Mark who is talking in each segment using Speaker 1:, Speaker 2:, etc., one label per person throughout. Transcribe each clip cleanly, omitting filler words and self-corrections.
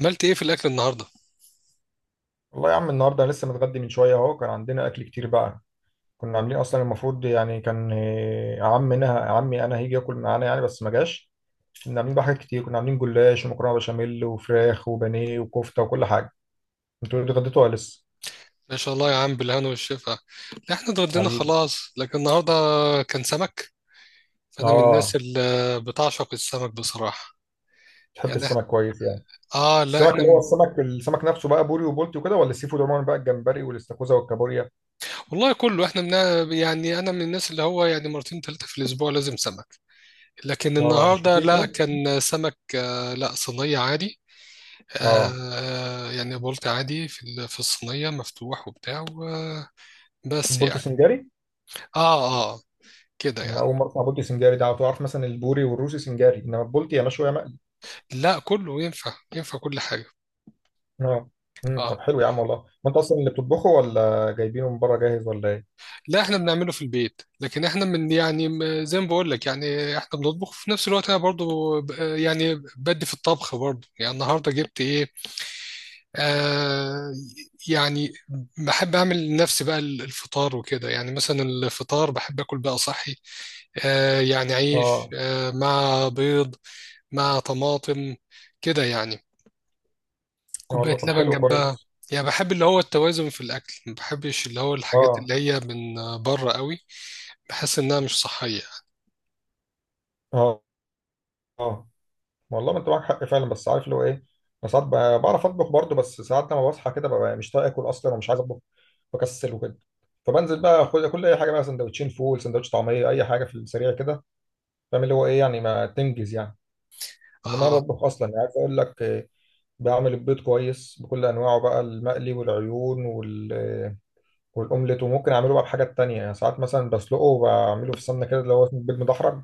Speaker 1: عملت ايه في الاكل النهارده؟
Speaker 2: والله يا عم، النهارده أنا لسه متغدي من شويه. اهو كان عندنا اكل كتير بقى. كنا عاملين اصلا المفروض يعني كان عمي انا هيجي ياكل معانا يعني، بس ما جاش. كنا عاملين بقى حاجات كتير. كنا عاملين جلاش ومكرونه بشاميل وفراخ وبانيه وكفته وكل حاجه. انتوا اتغديتوا ولا لسه؟
Speaker 1: ما شاء الله يا عم، بالهنا والشفا. لا، احنا اتغدينا
Speaker 2: حبيبي.
Speaker 1: خلاص، لكن النهارده كان سمك. فانا من
Speaker 2: اه،
Speaker 1: الناس اللي بتعشق السمك بصراحه.
Speaker 2: تحب
Speaker 1: يعني
Speaker 2: السمك كويس يعني؟
Speaker 1: اه، لا
Speaker 2: السمك
Speaker 1: احنا.
Speaker 2: اللي هو السمك نفسه بقى، بوري وبولتي وكده، ولا السي فود عموما بقى، الجمبري والاستاكوزا والكابوريا؟
Speaker 1: والله، كله احنا منا، يعني انا من الناس اللي هو يعني مرتين ثلاثه في الاسبوع لازم سمك. لكن
Speaker 2: اه، مش
Speaker 1: النهارده
Speaker 2: كتير
Speaker 1: لا،
Speaker 2: كده.
Speaker 1: كان سمك، لا، صينيه عادي.
Speaker 2: اه،
Speaker 1: يعني بولت عادي في في الصينيه مفتوح وبتاع بس
Speaker 2: البولتي
Speaker 1: يعني.
Speaker 2: سنجاري.
Speaker 1: اه، اه، كده
Speaker 2: انا
Speaker 1: يعني.
Speaker 2: اول مره اسمع بولتي سنجاري ده. على طول اعرف مثلا البوري والروسي سنجاري، انما البولتي يا مشوي.
Speaker 1: لا، كله ينفع ينفع كل حاجه.
Speaker 2: اه.
Speaker 1: آه.
Speaker 2: طب حلو يا عم والله. ما انت اصلا اللي بتطبخه ولا جايبينه من بره جاهز ولا ايه؟
Speaker 1: لا، احنا بنعمله في البيت، لكن احنا من يعني زي ما بقول لك، يعني احنا بنطبخ في نفس الوقت. انا برضو يعني بدي في الطبخ برضو. يعني النهارده جبت ايه؟ آه يعني بحب اعمل لنفسي بقى الفطار وكده. يعني مثلا الفطار بحب اكل بقى صحي. يعني عيش،
Speaker 2: اه.
Speaker 1: مع بيض، مع طماطم، كده يعني.
Speaker 2: يا
Speaker 1: كوباية
Speaker 2: والله، طب
Speaker 1: لبن
Speaker 2: حلو
Speaker 1: جنبها.
Speaker 2: كويس.
Speaker 1: يعني بحب اللي هو التوازن في الاكل، ما بحبش اللي هو الحاجات
Speaker 2: اه.
Speaker 1: اللي هي من بره قوي. بحس انها مش صحية.
Speaker 2: اه. اه، والله ما انت معاك حق فعلا. بس عارف اللي هو ايه، انا ساعات بعرف اطبخ برضه، بس ساعات لما بصحى كده ببقى مش طايق اكل اصلا ومش عايز اطبخ. بكسل وكده. فبنزل بقى اخد كل اي حاجه بقى، سندوتشين فول، سندوتش طعميه، اي حاجه في السريع كده. فاهم اللي هو ايه يعني، ما تنجز يعني. انما انا
Speaker 1: اه،
Speaker 2: بطبخ اصلا يعني، عايز اقول لك. بعمل البيض كويس بكل انواعه بقى، المقلي والعيون وال والاومليت. وممكن اعمله بقى بحاجات تانية يعني. ساعات مثلا بسلقه وبعمله في السمنه كده، اللي هو اسمه بيض مدحرج.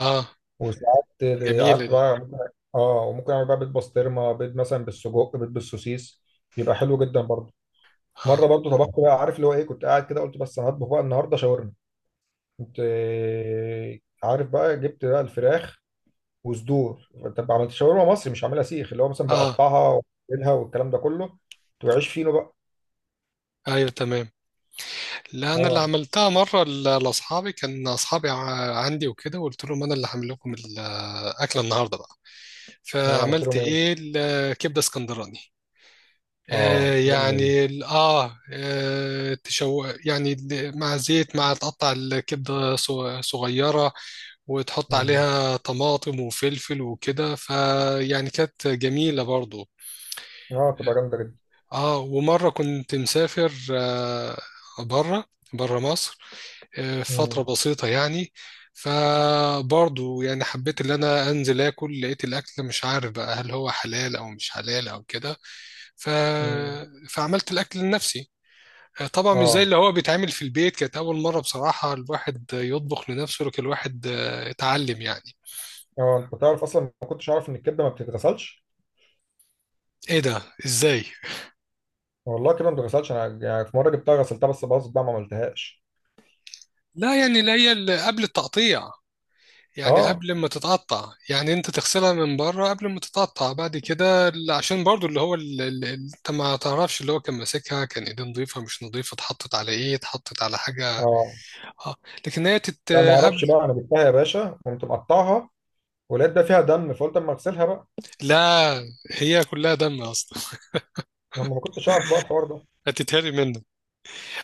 Speaker 1: اه.
Speaker 2: وساعات
Speaker 1: جميلة
Speaker 2: قعدت
Speaker 1: دي.
Speaker 2: بقى ممكن. اه. وممكن اعمل بقى بيض بسطرمه، بيض مثلا بالسجق، بيض بالسوسيس. بيبقى حلو جدا برضه. مره
Speaker 1: اه،
Speaker 2: برضه طبخت بقى، عارف اللي هو ايه، كنت قاعد كده قلت بس انا هطبخ بقى النهارده شاورما. كنت عارف بقى، جبت بقى الفراخ وصدور. طب عملت شاورما مصري، مش عاملها سيخ، اللي هو مثلا
Speaker 1: اه،
Speaker 2: بقطعها واعملها والكلام ده كله. كنت بعيش فينو بقى.
Speaker 1: ايوه، تمام. لا، انا اللي
Speaker 2: اه.
Speaker 1: عملتها مره لاصحابي. كان اصحابي عندي وكده، وقلت لهم انا اللي هعمل لكم الاكله النهارده بقى.
Speaker 2: اه، عملت
Speaker 1: فعملت
Speaker 2: لهم ايه؟
Speaker 1: ايه؟ الكبده اسكندراني.
Speaker 2: اه، جامده دي.
Speaker 1: يعني تشو، يعني مع زيت، مع تقطع الكبده صغيره، وتحط
Speaker 2: مم.
Speaker 1: عليها طماطم وفلفل وكده. فيعني كانت جميله برضو.
Speaker 2: اه، تبقى جامده جدا.
Speaker 1: اه. ومرة كنت مسافر، بره بره مصر، فترة
Speaker 2: مم.
Speaker 1: بسيطة يعني. فبرضو يعني حبيت ان انا انزل اكل، لقيت الاكل مش عارف بقى هل هو حلال او مش حلال او كده. ف...
Speaker 2: مم.
Speaker 1: فعملت الاكل لنفسي. طبعا مش زي
Speaker 2: اه.
Speaker 1: اللي هو بيتعمل في البيت. كانت اول مرة بصراحة الواحد يطبخ لنفسه، لكن الواحد اتعلم يعني.
Speaker 2: اه، انت تعرف اصلا ما كنتش عارف ان الكبده ما بتتغسلش.
Speaker 1: ايه ده؟ ازاي؟
Speaker 2: والله الكبده ما بتتغسلش. انا يعني في مره جبتها غسلتها بس باظت بقى، ما عملتهاش.
Speaker 1: لا، يعني اللي هي اللي قبل التقطيع. يعني
Speaker 2: اه.
Speaker 1: قبل ما تتقطع، يعني انت تغسلها من بره قبل ما تتقطع. بعد كده عشان برضو اللي هو انت ما تعرفش اللي هو كان ماسكها، كان ايديه نظيفة مش نظيفة، اتحطت على ايه، اتحطت على حاجة.
Speaker 2: اه.
Speaker 1: اه. لكن هي
Speaker 2: لا، ما
Speaker 1: قبل.
Speaker 2: اعرفش بقى. انا جبتها يا باشا قمت مقطعها، ولقيت ده فيها دم، فقلت اما اغسلها بقى.
Speaker 1: لا، هي كلها دم اصلا.
Speaker 2: انا ما كنتش عارف بقى الحوار ده.
Speaker 1: هتتهري منك.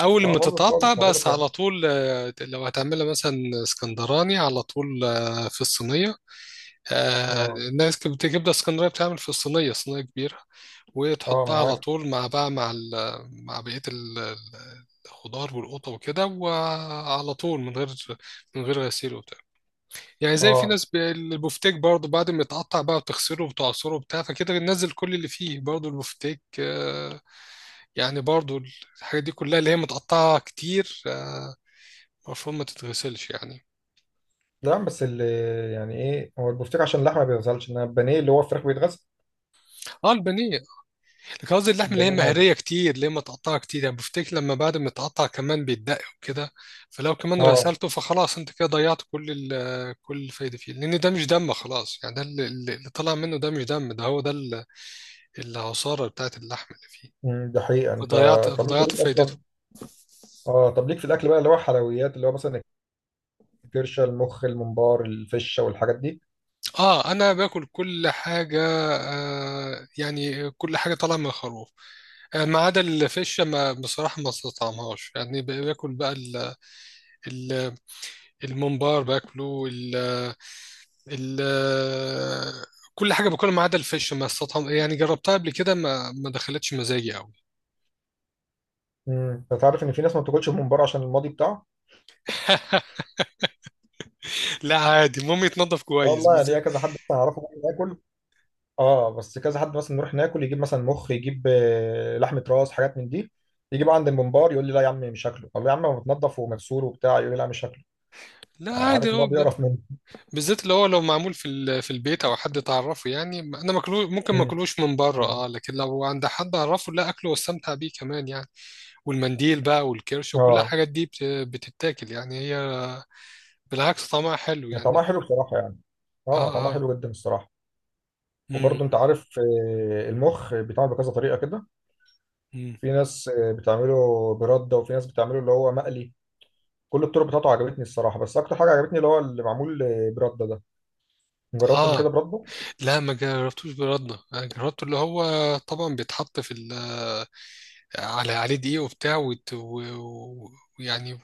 Speaker 1: اول
Speaker 2: اه،
Speaker 1: ما
Speaker 2: باظت خالص
Speaker 1: تتقطع،
Speaker 2: ما بقول
Speaker 1: بس
Speaker 2: لك
Speaker 1: على
Speaker 2: يعني.
Speaker 1: طول، لو هتعملها مثلا اسكندراني، على طول في الصينية.
Speaker 2: اه.
Speaker 1: الناس كانت بتجيب لها اسكندريه، بتعمل في الصينيه صينيه كبيره،
Speaker 2: اه، ما
Speaker 1: وتحطها
Speaker 2: انا
Speaker 1: على
Speaker 2: عارف.
Speaker 1: طول، مع بقيه الخضار والقطه وكده، وعلى طول من غير غسيل وبتاع. يعني زي في
Speaker 2: اه.
Speaker 1: ناس، البفتيك برضه بعد ما يتقطع بقى وتغسله وتعصره وبتاع، فكده بننزل كل اللي فيه برضه البفتيك يعني برضه. الحاجات دي كلها اللي هي متقطعه كتير، المفروض ما تتغسلش يعني.
Speaker 2: لا، بس اللي يعني ايه هو البفتيك عشان اللحمه ما بيتغسلش، انما البانيه اللي هو الفراخ بيتغسل.
Speaker 1: اه، البانيه. لكن قصدي اللحمة اللي هي
Speaker 2: البانيه عادي.
Speaker 1: مهرية كتير، اللي هي متقطعة كتير. يعني بفتكر لما بعد ما يتقطع كمان بيتدق وكده، فلو كمان
Speaker 2: اه.
Speaker 1: غسلته فخلاص انت كده ضيعت كل الفايدة فيه، لأن ده مش دم خلاص. يعني اللي طلع منه ده مش دم. ده هو ده العصارة بتاعت اللحم اللي فيه.
Speaker 2: مم، ده حقيقه انت.
Speaker 1: فضيعت
Speaker 2: طب انت
Speaker 1: فضيعت
Speaker 2: ليك اصلا.
Speaker 1: فايدته.
Speaker 2: اه، طب ليك في الاكل بقى اللي هو حلويات اللي هو مثلا الكرشه، المخ، الممبار، الفشه، والحاجات دي؟
Speaker 1: اه، انا باكل كل حاجه. يعني كل حاجه طالعه من الخروف. ما عدا الفشه، ما بصراحه ما استطعمهاش. يعني باكل بقى ال- الممبار باكله. ال- كل حاجه باكلها ما عدا الفش، ما استطعم. يعني جربتها قبل كده، ما دخلتش مزاجي قوي.
Speaker 2: انت عارف ان في ناس ما بتاكلش الممبار عشان الماضي بتاعه؟
Speaker 1: لا، عادي، المهم يتنضف
Speaker 2: اه،
Speaker 1: كويس
Speaker 2: والله
Speaker 1: بالذات.
Speaker 2: ليا كذا حد مثلا اعرفه بقى ناكل. اه، بس كذا حد مثلا نروح ناكل يجيب مثلا مخ، يجيب لحمه راس، حاجات من دي. يجيب عند الممبار يقول لي لا يا عم مش هاكله. طب يا عم هو متنضف ومغسول وبتاع؟ يقول لي لا مش هاكله.
Speaker 1: لا، عادي،
Speaker 2: عارف اللي هو
Speaker 1: هو
Speaker 2: بيقرف منه.
Speaker 1: بالذات اللي هو لو معمول في في البيت او حد تعرفه. يعني انا ماكلوش، ممكن ما
Speaker 2: مم.
Speaker 1: اكلوش من بره اه، لكن لو عند حد اعرفه لا، اكله واستمتع بيه كمان يعني. والمنديل بقى والكرش وكل
Speaker 2: اه،
Speaker 1: الحاجات دي بتتاكل يعني. هي بالعكس طعمها حلو
Speaker 2: يعني
Speaker 1: يعني.
Speaker 2: طعمها حلو بصراحه يعني.
Speaker 1: اه،
Speaker 2: اه، طعمها
Speaker 1: اه.
Speaker 2: حلو جدا الصراحه.
Speaker 1: امم،
Speaker 2: وبرضه انت عارف. المخ بيتعمل بكذا طريقه كده.
Speaker 1: امم.
Speaker 2: في ناس بتعمله برده، وفي ناس بتعمله اللي هو مقلي. كل الطرق بتاعته عجبتني الصراحه. بس اكتر حاجه عجبتني اللي هو اللي معمول برده ده. جربته قبل كده
Speaker 1: اه،
Speaker 2: برده.
Speaker 1: لا ما جربتوش برده. انا جربته اللي هو طبعا بيتحط في ال آه، عليه دقيق وبتاع، و- ويعني،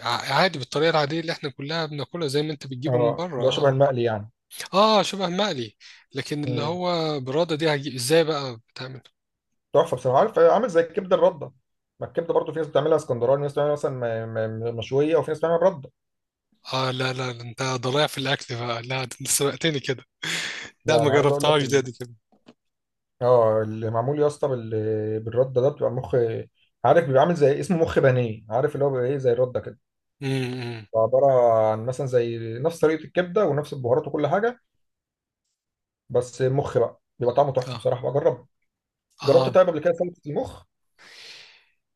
Speaker 1: عادي بالطريقه العاديه اللي احنا كلها بناكلها، زي ما انت بتجيبه من
Speaker 2: اه،
Speaker 1: بره
Speaker 2: اللي هو
Speaker 1: اه.
Speaker 2: شبه المقلي يعني.
Speaker 1: اه، شبه مقلي. لكن اللي
Speaker 2: مم.
Speaker 1: هو براده دي هجيب ازاي بقى؟ بتعمل
Speaker 2: تحفه بصراحه. عارف عامل زي الكبده الرده. ما الكبده برضه في ناس بتعملها اسكندراني، وفي ناس بتعملها مثلا مشويه، وفي ناس بتعملها برده.
Speaker 1: اه. لا، لا، ده انت ضايع في الاكل بقى. لا، ده انت سبقتني كده. لا
Speaker 2: لا،
Speaker 1: ما
Speaker 2: انا عايز اقول لك
Speaker 1: جربتهاش دي،
Speaker 2: ال...
Speaker 1: دي كده.
Speaker 2: اه، اللي معمول يا اسطى بالرده ده بتبقى مخ. عارف بيبقى عامل زي اسمه مخ بانيه. عارف اللي هو بيبقى ايه زي الرده كده.
Speaker 1: امم، إمم.
Speaker 2: عباره عن مثلا زي نفس طريقه الكبده ونفس البهارات وكل حاجه، بس مخ بقى. بيبقى طعمه
Speaker 1: اه،
Speaker 2: تحفه بصراحه. بجرب. جربت
Speaker 1: اه.
Speaker 2: طيب قبل كده سلطه المخ؟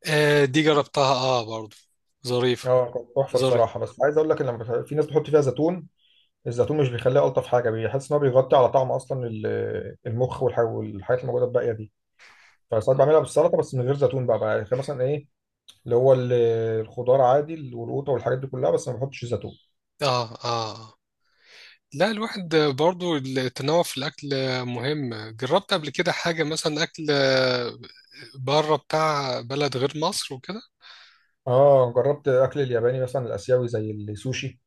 Speaker 1: دي جربتها اه برضه. ظريفه.
Speaker 2: اه، كانت تحفه
Speaker 1: ظريفه.
Speaker 2: بصراحه. بس عايز اقول لك ان لما في ناس بتحط فيها زيتون. الزيتون مش بيخليها الطف حاجه. بيحس ان هو بيغطي على طعم اصلا المخ والحاجات اللي موجوده الباقيه دي. فساعات بعملها بالسلطه بس من غير زيتون بقى يعني مثلا ايه، اللي هو الخضار عادي والقوطه والحاجات دي كلها، بس ما بحطش زيتون.
Speaker 1: اه، اه، آه. لا، الواحد برضو، التنوع في الأكل مهم. جربت قبل كده حاجة مثلا أكل بره بتاع بلد غير مصر وكده.
Speaker 2: اه. جربت اكل الياباني مثلا الاسيوي زي السوشي؟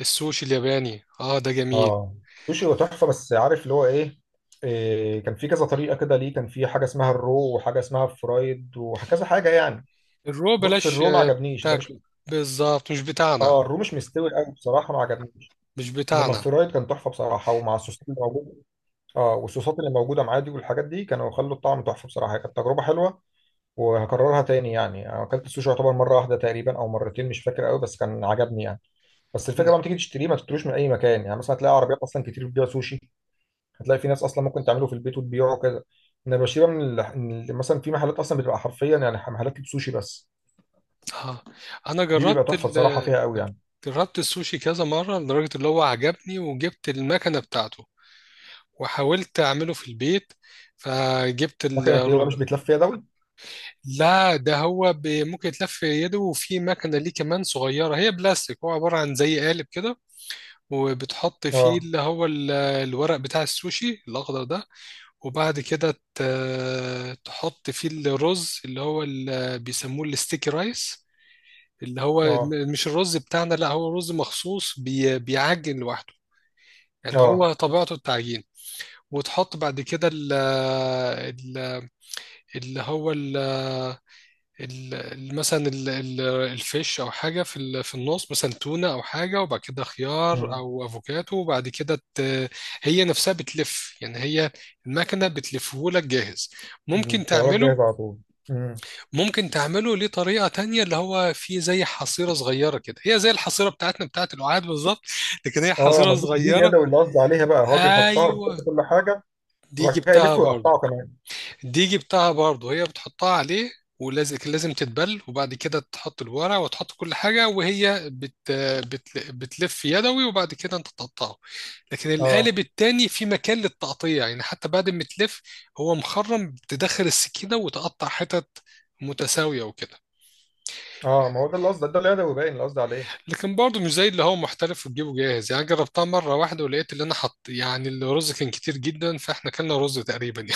Speaker 1: السوشي الياباني، ده جميل.
Speaker 2: اه، سوشي هو تحفه. بس عارف اللي هو ايه، كان في كذا طريقه كده ليه. كان في حاجه اسمها الرو وحاجه اسمها فرايد وكذا حاجه يعني.
Speaker 1: الرو
Speaker 2: بص
Speaker 1: بلاش
Speaker 2: الرو ما عجبنيش ده
Speaker 1: تاكل،
Speaker 2: مش.
Speaker 1: بالظبط مش بتاعنا،
Speaker 2: اه، الرو مش مستوي قوي بصراحه ما عجبنيش.
Speaker 1: مش
Speaker 2: انما
Speaker 1: بتاعنا.
Speaker 2: الفرايد كان تحفه بصراحه، ومع الصوصات اللي موجوده. اه، والصوصات اللي موجوده معاه دي والحاجات دي كانوا خلوا الطعم تحفه بصراحه. كانت تجربه حلوه وهكررها تاني يعني. انا اكلت السوشي يعتبر مره واحده تقريبا او مرتين، مش فاكر قوي، بس كان عجبني يعني. بس الفكره بقى لما تيجي تشتريه، ما تشتروش من اي مكان يعني. مثلا هتلاقي عربيات اصلا كتير بتبيع سوشي. هتلاقي في ناس اصلا ممكن تعمله في البيت وتبيعه كده. انما بشيبه من مثلا في محلات اصلا بتبقى حرفيا يعني، محلات سوشي بس.
Speaker 1: اه، أنا
Speaker 2: دي بيبقى
Speaker 1: جربت
Speaker 2: تحفه بصراحه فيها قوي يعني.
Speaker 1: جربت السوشي كذا مرة لدرجة اللي هو عجبني، وجبت المكنة بتاعته وحاولت أعمله في البيت. فجبت
Speaker 2: مكنه ايه مش بيتلف فيها دوت؟
Speaker 1: لا، ده هو ممكن يتلف يده، وفي مكنة ليه كمان صغيرة هي بلاستيك. هو عبارة عن زي قالب كده، وبتحط فيه
Speaker 2: اه.
Speaker 1: اللي هو الورق بتاع السوشي الأخضر ده. وبعد كده تحط فيه الرز اللي هو بيسموه الستيكي رايس. اللي هو
Speaker 2: اه.
Speaker 1: مش الرز بتاعنا، لا هو رز مخصوص بيعجن لوحده. يعني
Speaker 2: اه.
Speaker 1: هو طبيعته التعجين. وتحط بعد كده ال- اللي هو مثلا الفيش او حاجه في في النص، مثلا تونه او حاجه، وبعد كده خيار
Speaker 2: امم
Speaker 1: او افوكاتو، وبعد كده هي نفسها بتلف. يعني هي المكنه بتلفه لك جاهز.
Speaker 2: أمم.
Speaker 1: ممكن
Speaker 2: الطيارات
Speaker 1: تعمله.
Speaker 2: جاهزه على طول. امم
Speaker 1: ممكن تعمله ليه طريقه تانية، اللي هو في زي حصيره صغيره كده، هي زي الحصيره بتاعتنا بتاعت القعاد بالظبط، لكن هي
Speaker 2: اه،
Speaker 1: حصيره
Speaker 2: ما دي
Speaker 1: صغيره.
Speaker 2: اليدوي اللي قصدي عليها بقى. هو بيحطها بيحط
Speaker 1: ايوه.
Speaker 2: كل حاجه
Speaker 1: دي
Speaker 2: وبعد كده
Speaker 1: جبتها
Speaker 2: يلف
Speaker 1: برضه.
Speaker 2: ويقطعه كمان.
Speaker 1: الديجي بتاعها برضه هي بتحطها عليه. ولازم، لازم تتبل، وبعد كده تحط الورق وتحط كل حاجة، وهي بت بت بتلف يدوي، وبعد كده انت تقطعه. لكن
Speaker 2: اه.
Speaker 1: القالب التاني في مكان للتقطيع، يعني حتى بعد ما تلف هو مخرم، تدخل السكينة وتقطع حتت متساوية وكده.
Speaker 2: اه، ما هو ده اللي قصدي، ده اليدوي باين اللي قصدي عليه.
Speaker 1: لكن برضه مش زي اللي هو محترف وتجيبه جاهز. يعني جربتها مرة واحدة، ولقيت اللي انا حط يعني الرز كان كتير جدا، فاحنا كلنا رز تقريبا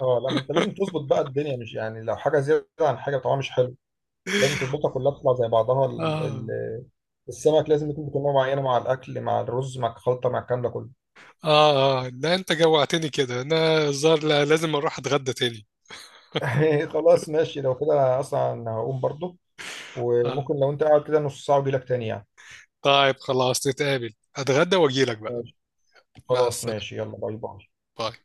Speaker 2: اه. لا، ما انت لازم تظبط بقى الدنيا. مش يعني لو حاجه زياده عن حاجه طبعا مش حلو. لازم تظبطها كلها تطلع زي بعضها.
Speaker 1: يعني.
Speaker 2: السمك لازم يكون بكمية معينة مع الأكل مع الرز مع الخلطة مع الكلام ده كله.
Speaker 1: آه، آه، لا أنت جوعتني كده. أنا الظاهر لا، لازم أروح أتغدى تاني.
Speaker 2: خلاص ماشي، لو كده أنا أصلا هقوم برضو.
Speaker 1: آه،
Speaker 2: وممكن لو أنت قاعد كده نص ساعة وأجيلك تاني يعني.
Speaker 1: طيب خلاص نتقابل، أتغدى وأجيلك بقى.
Speaker 2: ماشي.
Speaker 1: مع
Speaker 2: خلاص
Speaker 1: السلامة.
Speaker 2: ماشي، يلا باي باي.
Speaker 1: باي.